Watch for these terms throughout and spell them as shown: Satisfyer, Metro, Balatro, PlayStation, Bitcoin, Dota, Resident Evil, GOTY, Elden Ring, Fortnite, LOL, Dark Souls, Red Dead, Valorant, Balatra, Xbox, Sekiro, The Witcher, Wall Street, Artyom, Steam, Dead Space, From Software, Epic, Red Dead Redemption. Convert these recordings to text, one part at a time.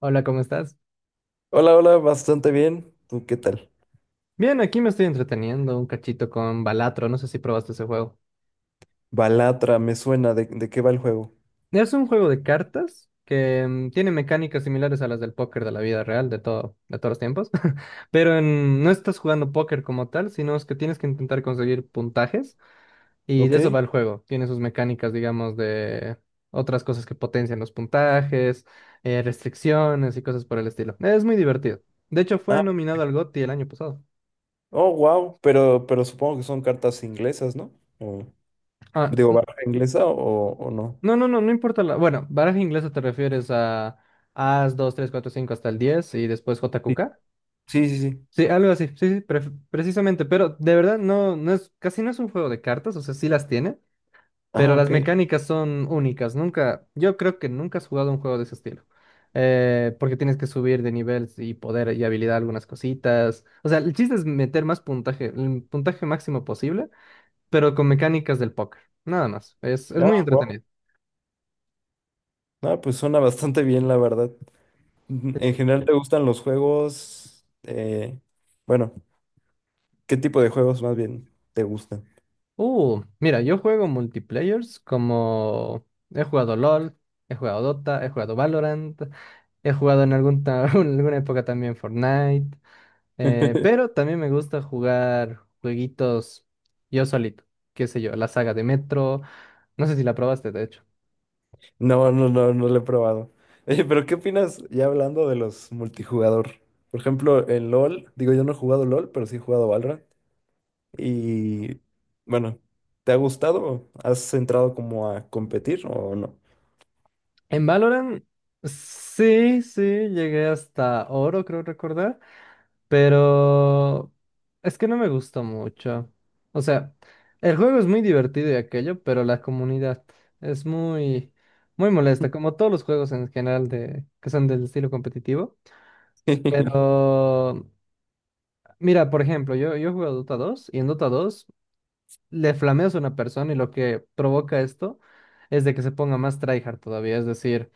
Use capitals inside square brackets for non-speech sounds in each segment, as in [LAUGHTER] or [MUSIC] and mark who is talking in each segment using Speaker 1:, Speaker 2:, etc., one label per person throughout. Speaker 1: Hola, ¿cómo estás?
Speaker 2: Hola, hola, bastante bien. ¿Tú qué tal?
Speaker 1: Bien, aquí me estoy entreteniendo un cachito con Balatro, no sé si probaste ese juego.
Speaker 2: Balatra, me suena de qué va el juego.
Speaker 1: Es un juego de cartas que tiene mecánicas similares a las del póker de la vida real, de todos los tiempos, [LAUGHS] pero no estás jugando póker como tal, sino es que tienes que intentar conseguir puntajes y
Speaker 2: ¿Ok?
Speaker 1: de eso va el juego. Tiene sus mecánicas, digamos, de otras cosas que potencian los puntajes, restricciones y cosas por el estilo. Es muy divertido. De hecho, fue
Speaker 2: Ah,
Speaker 1: nominado al GOTY el año pasado.
Speaker 2: oh, wow. Pero supongo que son cartas inglesas, ¿no? O- Digo,
Speaker 1: Ah.
Speaker 2: barra inglesa o no.
Speaker 1: No, no, no, no importa la. Bueno, baraja inglesa te refieres a As, 2, 3, 4, 5, hasta el 10 y después J, Q,
Speaker 2: Sí,
Speaker 1: K.
Speaker 2: sí, sí, sí.
Speaker 1: Sí, algo así, sí, sí, precisamente, pero de verdad no es, casi no es un juego de cartas, o sea, sí las tiene,
Speaker 2: Ah,
Speaker 1: pero las
Speaker 2: ok.
Speaker 1: mecánicas son únicas, nunca, yo creo que nunca has jugado un juego de ese estilo, porque tienes que subir de nivel y poder y habilidad algunas cositas, o sea, el chiste es meter más puntaje, el puntaje máximo posible, pero con mecánicas del póker, nada más, es muy
Speaker 2: Ah, wow.
Speaker 1: entretenido.
Speaker 2: Ah, pues suena bastante bien, la verdad.
Speaker 1: Sí,
Speaker 2: En
Speaker 1: sí.
Speaker 2: general, ¿te gustan los juegos? Bueno, ¿qué tipo de juegos más bien te gustan?
Speaker 1: Mira, yo juego multiplayers como he jugado LOL, he jugado Dota, he jugado Valorant, he jugado [LAUGHS] en alguna época también Fortnite,
Speaker 2: [LAUGHS]
Speaker 1: pero también me gusta jugar jueguitos yo solito, qué sé yo, la saga de Metro, no sé si la probaste de hecho.
Speaker 2: No, no, no, no lo he probado. Oye, pero ¿qué opinas ya hablando de los multijugador? Por ejemplo, en LOL, digo, yo no he jugado LOL, pero sí he jugado Valorant. Y bueno, ¿te ha gustado? ¿Has entrado como a competir o no?
Speaker 1: En Valorant, sí, sí, llegué hasta oro, creo recordar. Pero es que no me gusta mucho. O sea, el juego es muy divertido y aquello, pero la comunidad es muy, muy molesta, como todos los juegos en general de, que son del estilo competitivo.
Speaker 2: [LAUGHS]
Speaker 1: Pero mira, por ejemplo, yo juego a Dota dos y en Dota dos le flameas a una persona y lo que provoca esto es de que se ponga más tryhard todavía, es decir,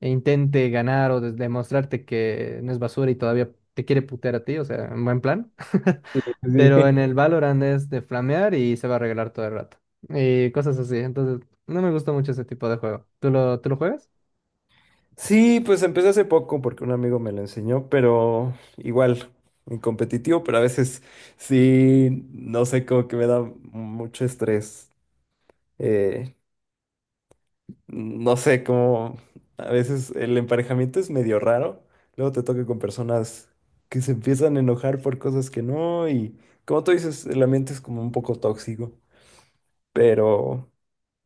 Speaker 1: e intente ganar o demostrarte que no es basura y todavía te quiere putear a ti, o sea, en buen plan. [LAUGHS]
Speaker 2: Sí,
Speaker 1: Pero en
Speaker 2: sí.
Speaker 1: el Valorant es de flamear y se va a regalar todo el rato. Y cosas así. Entonces, no me gusta mucho ese tipo de juego. ¿Tú lo juegas?
Speaker 2: Sí, pues empecé hace poco porque un amigo me lo enseñó, pero igual, en competitivo, pero a veces sí, no sé, como que me da mucho estrés. Eh, No sé, como a veces el emparejamiento es medio raro. Luego te toca con personas que se empiezan a enojar por cosas que no, y como tú dices, el ambiente es como un poco tóxico. Pero,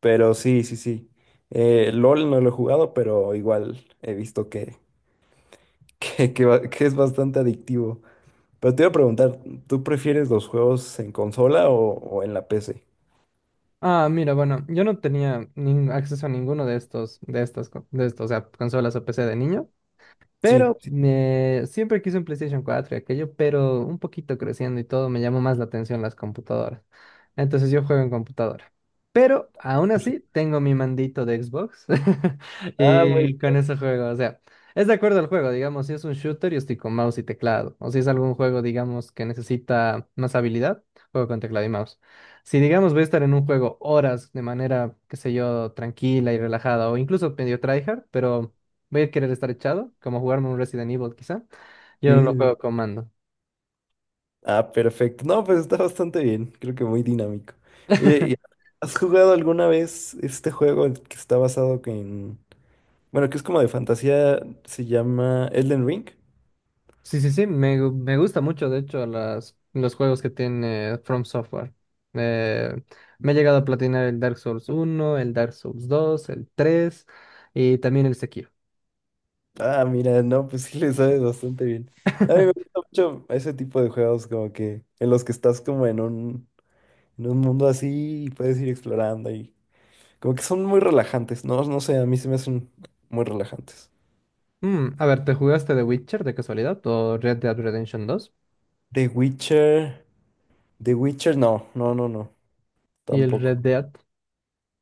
Speaker 2: pero sí, sí, sí. LOL no lo he jugado, pero igual he visto [LAUGHS] que es bastante adictivo. Pero te iba a preguntar, ¿tú prefieres los juegos en consola o en la PC?
Speaker 1: Ah, mira, bueno, yo no tenía acceso a ninguno de estos, de estos, o sea, consolas o PC de niño.
Speaker 2: Sí,
Speaker 1: Pero
Speaker 2: sí.
Speaker 1: siempre quise un PlayStation 4 y aquello, pero un poquito creciendo y todo, me llamó más la atención las computadoras. Entonces yo juego en computadora. Pero aún
Speaker 2: Sí.
Speaker 1: así tengo mi mandito de Xbox [LAUGHS]
Speaker 2: Ah, muy
Speaker 1: y con eso juego. O sea, es de acuerdo al juego, digamos, si es un shooter, yo estoy con mouse y teclado. O si es algún juego, digamos, que necesita más habilidad, juego con teclado y mouse. Si, digamos, voy a estar en un juego horas de manera, qué sé yo, tranquila y relajada o incluso medio tryhard, pero voy a querer estar echado, como jugarme un Resident Evil quizá. Yo no
Speaker 2: bien. Sí,
Speaker 1: lo
Speaker 2: sí,
Speaker 1: juego
Speaker 2: sí.
Speaker 1: con mando.
Speaker 2: Ah, perfecto. No, pues está bastante bien. Creo que muy dinámico. Oye,
Speaker 1: [LAUGHS]
Speaker 2: ¿has jugado alguna vez este que está basado que en... Bueno, que es como de fantasía, se llama Elden Ring?
Speaker 1: Sí, sí, sí, me gusta mucho, de hecho, los juegos que tiene From Software. Eh, me he llegado a platinar el Dark Souls uno el Dark Souls dos el 3 y también el Sekiro.
Speaker 2: Ah, mira, no, pues sí le sabes bastante bien. A mí me
Speaker 1: [LAUGHS]
Speaker 2: gusta mucho ese tipo de juegos, como que en los que estás como en en un mundo así y puedes ir explorando, y como que son muy relajantes, ¿no? No sé, a mí se me hacen muy relajantes.
Speaker 1: A ver, ¿te jugaste The Witcher de casualidad o Red Dead Redemption dos?
Speaker 2: The Witcher, The Witcher, no, no, no, no,
Speaker 1: Y el
Speaker 2: tampoco.
Speaker 1: Red Dead.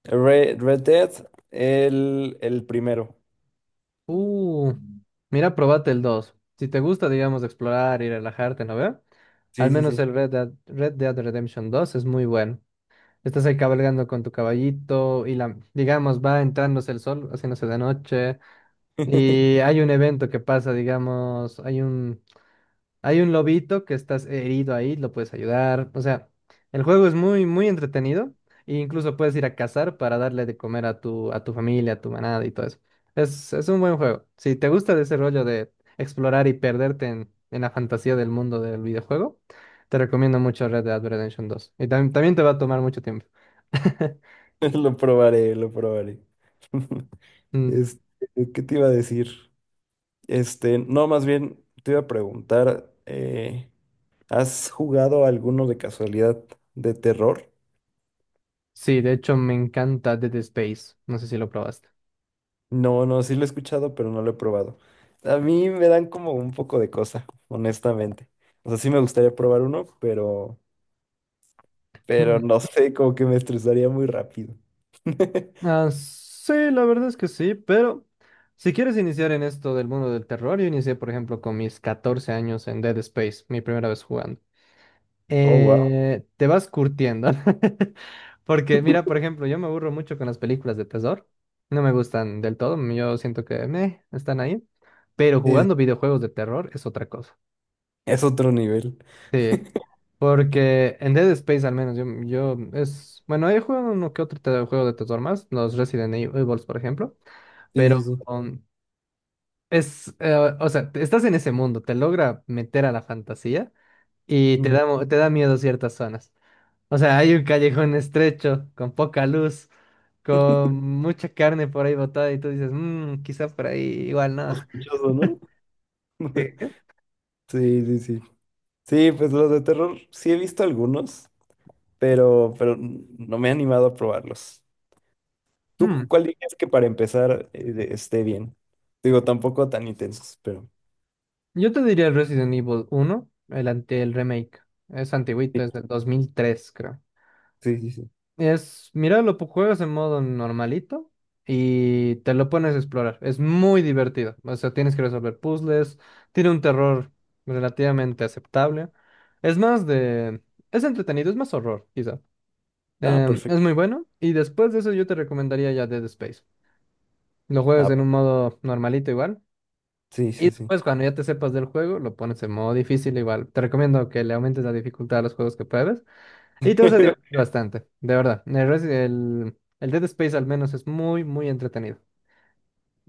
Speaker 2: Red Dead, el primero.
Speaker 1: Uh, mira, probate el dos. Si te gusta, digamos, explorar y relajarte, ¿no ve? Al
Speaker 2: Sí, sí,
Speaker 1: menos
Speaker 2: sí.
Speaker 1: el Red Dead, Red Dead Redemption 2 es muy bueno. Estás ahí cabalgando con tu caballito y la, digamos, va entrándose el sol, haciéndose de noche. Y
Speaker 2: [LAUGHS]
Speaker 1: hay un evento que pasa, digamos, hay un lobito que estás herido ahí, lo puedes ayudar. O sea, el juego es muy, muy entretenido. E incluso puedes ir a cazar para darle de comer a tu familia, a tu manada y todo eso. Es un buen juego. Si te gusta de ese rollo de explorar y perderte en la fantasía del mundo del videojuego, te recomiendo mucho Red Dead Redemption dos. Y también te va a tomar mucho tiempo. [LAUGHS]
Speaker 2: Lo probaré, lo probaré. [LAUGHS]
Speaker 1: Mm,
Speaker 2: Este, ¿qué te iba a decir? Este, no, más bien te iba a preguntar, ¿has jugado alguno de casualidad de terror?
Speaker 1: sí, de hecho me encanta Dead Space. No sé si lo probaste.
Speaker 2: No, no, sí lo he escuchado, pero no lo he probado. A mí me dan como un poco de cosa, honestamente. O sea, sí me gustaría probar uno, pero no [LAUGHS] sé, como que me estresaría muy rápido. [LAUGHS]
Speaker 1: Ah, sí, la verdad es que sí, pero si quieres iniciar en esto del mundo del terror, yo inicié, por ejemplo, con mis 14 años en Dead Space, mi primera vez jugando.
Speaker 2: Oh, wow.
Speaker 1: Te vas curtiendo. ¿No? [LAUGHS] Porque, mira, por ejemplo, yo me aburro mucho con las películas de terror. No me gustan del todo, yo siento que me están ahí. Pero jugando videojuegos de terror es otra cosa.
Speaker 2: Es otro nivel.
Speaker 1: Sí. Porque en Dead Space al menos bueno, he jugado uno que otro juego de terror más, los Resident Evil, por ejemplo.
Speaker 2: Sí, sí,
Speaker 1: Pero
Speaker 2: sí.
Speaker 1: um, es, eh, o sea, estás en ese mundo, te logra meter a la fantasía y
Speaker 2: Ujú.
Speaker 1: te da miedo ciertas zonas. O sea, hay un callejón estrecho, con poca luz, con mucha carne por ahí botada y tú dices, mmm, quizá por ahí igual no.
Speaker 2: Sospechoso, ¿no? [LAUGHS]
Speaker 1: Sí.
Speaker 2: Sí, sí, sí. Sí, pues los de terror sí he visto algunos, pero no me he animado a probarlos. ¿Tú
Speaker 1: Mm,
Speaker 2: cuál dirías que para empezar, esté bien? Digo, tampoco tan intensos, pero
Speaker 1: Yo te diría el Resident Evil uno, el remake. Es antiguito,
Speaker 2: sí,
Speaker 1: es del 2003 creo.
Speaker 2: sí, sí, sí.
Speaker 1: Es, mira, lo juegas en modo normalito y te lo pones a explorar. Es muy divertido. O sea, tienes que resolver puzzles. Tiene un terror relativamente aceptable. Es más de... Es entretenido, es más horror, quizá.
Speaker 2: Ah,
Speaker 1: Em,
Speaker 2: perfecto.
Speaker 1: es muy bueno. Y después de eso yo te recomendaría ya Dead Space. Lo juegas
Speaker 2: Ah,
Speaker 1: en un modo normalito igual.
Speaker 2: sí,
Speaker 1: Y
Speaker 2: sí, sí.
Speaker 1: después cuando ya te sepas del juego, lo pones en modo difícil igual. Te recomiendo que le aumentes la dificultad a los juegos que pruebes. Y todo se divierte
Speaker 2: [LAUGHS]
Speaker 1: bastante, de verdad. El Dead Space al menos es muy, muy entretenido.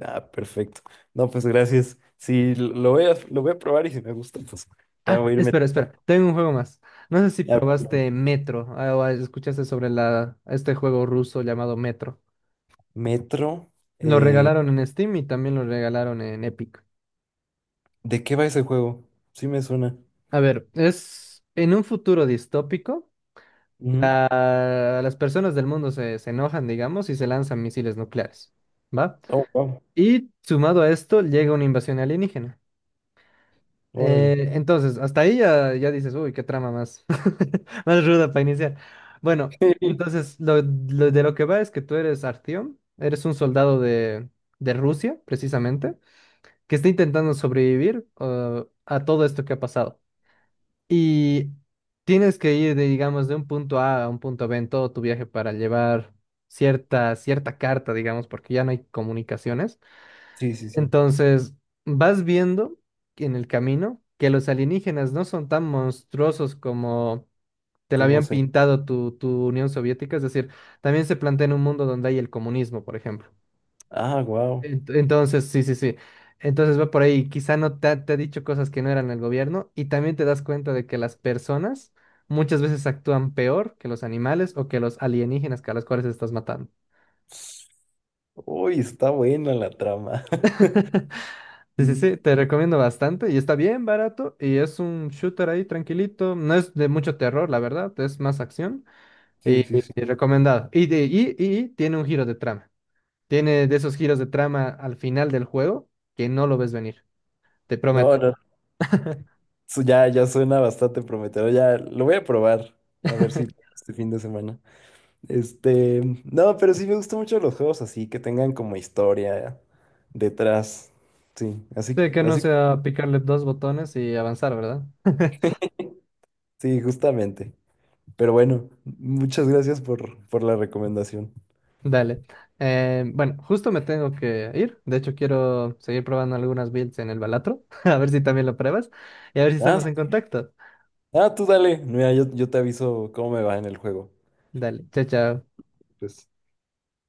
Speaker 2: Ah, perfecto. No, pues gracias. Sí, lo voy lo voy a probar, y si me gusta, pues ya
Speaker 1: Ah,
Speaker 2: voy a ir
Speaker 1: espera,
Speaker 2: metiendo.
Speaker 1: espera, tengo un juego más. No sé si
Speaker 2: Ya, pero
Speaker 1: probaste Metro o escuchaste sobre este juego ruso llamado Metro.
Speaker 2: metro.
Speaker 1: Lo
Speaker 2: eh,
Speaker 1: regalaron en Steam y también lo regalaron en Epic.
Speaker 2: ¿De qué va ese juego? Sí me suena.
Speaker 1: A ver, es en un futuro distópico,
Speaker 2: Ujú.
Speaker 1: las personas del mundo se enojan, digamos, y se lanzan misiles nucleares, ¿va?
Speaker 2: Oh, wow.
Speaker 1: Y sumado a esto llega una invasión alienígena.
Speaker 2: Órale.
Speaker 1: Entonces, hasta ahí ya, dices, uy, qué trama más, [LAUGHS] más ruda para iniciar. Bueno,
Speaker 2: [LAUGHS]
Speaker 1: entonces, de lo que va es que tú eres Artyom, eres un soldado de Rusia, precisamente, que está intentando sobrevivir a todo esto que ha pasado. Y tienes que ir, de, digamos, de un punto A a un punto B en todo tu viaje para llevar cierta carta, digamos, porque ya no hay comunicaciones.
Speaker 2: Sí, sí, sí.
Speaker 1: Entonces, vas viendo en el camino que los alienígenas no son tan monstruosos como te lo
Speaker 2: ¿Cómo
Speaker 1: habían
Speaker 2: se?
Speaker 1: pintado tu Unión Soviética, es decir, también se plantea en un mundo donde hay el comunismo, por ejemplo.
Speaker 2: Ah, wow.
Speaker 1: Entonces, sí, sí, sí. Entonces va por ahí, quizá no te ha dicho cosas que no eran el gobierno y también te das cuenta de que las personas muchas veces actúan peor que los animales o que los alienígenas que a los cuales estás matando.
Speaker 2: Uy, está buena la trama. [LAUGHS]
Speaker 1: [LAUGHS] Sí, sí,
Speaker 2: Mm.
Speaker 1: sí, te recomiendo bastante y está bien barato y es un shooter ahí tranquilito, no es de mucho terror, la verdad, es más acción
Speaker 2: Sí,
Speaker 1: y,
Speaker 2: sí, sí.
Speaker 1: y, recomendado. Y tiene un giro de trama, tiene de esos giros de trama al final del juego que no lo ves venir, te prometo.
Speaker 2: No, no. Ya, ya suena bastante prometedor. Ya lo voy a probar. A ver si
Speaker 1: [LAUGHS]
Speaker 2: este fin de semana. Este. No, pero sí me gustan mucho los juegos así, que tengan como historia detrás. Sí, así,
Speaker 1: Sí, que no
Speaker 2: así.
Speaker 1: sea picarle dos botones y avanzar, ¿verdad? [LAUGHS]
Speaker 2: Sí, justamente. Pero bueno, muchas gracias por la recomendación.
Speaker 1: Dale. Bueno, justo me tengo que ir. De hecho, quiero seguir probando algunas builds en el Balatro. [LAUGHS] A ver si también lo pruebas. Y a ver si
Speaker 2: Ah,
Speaker 1: estamos en contacto.
Speaker 2: ah, tú dale. Mira, yo te aviso cómo me va en el juego.
Speaker 1: Dale, chao, chao.
Speaker 2: Pues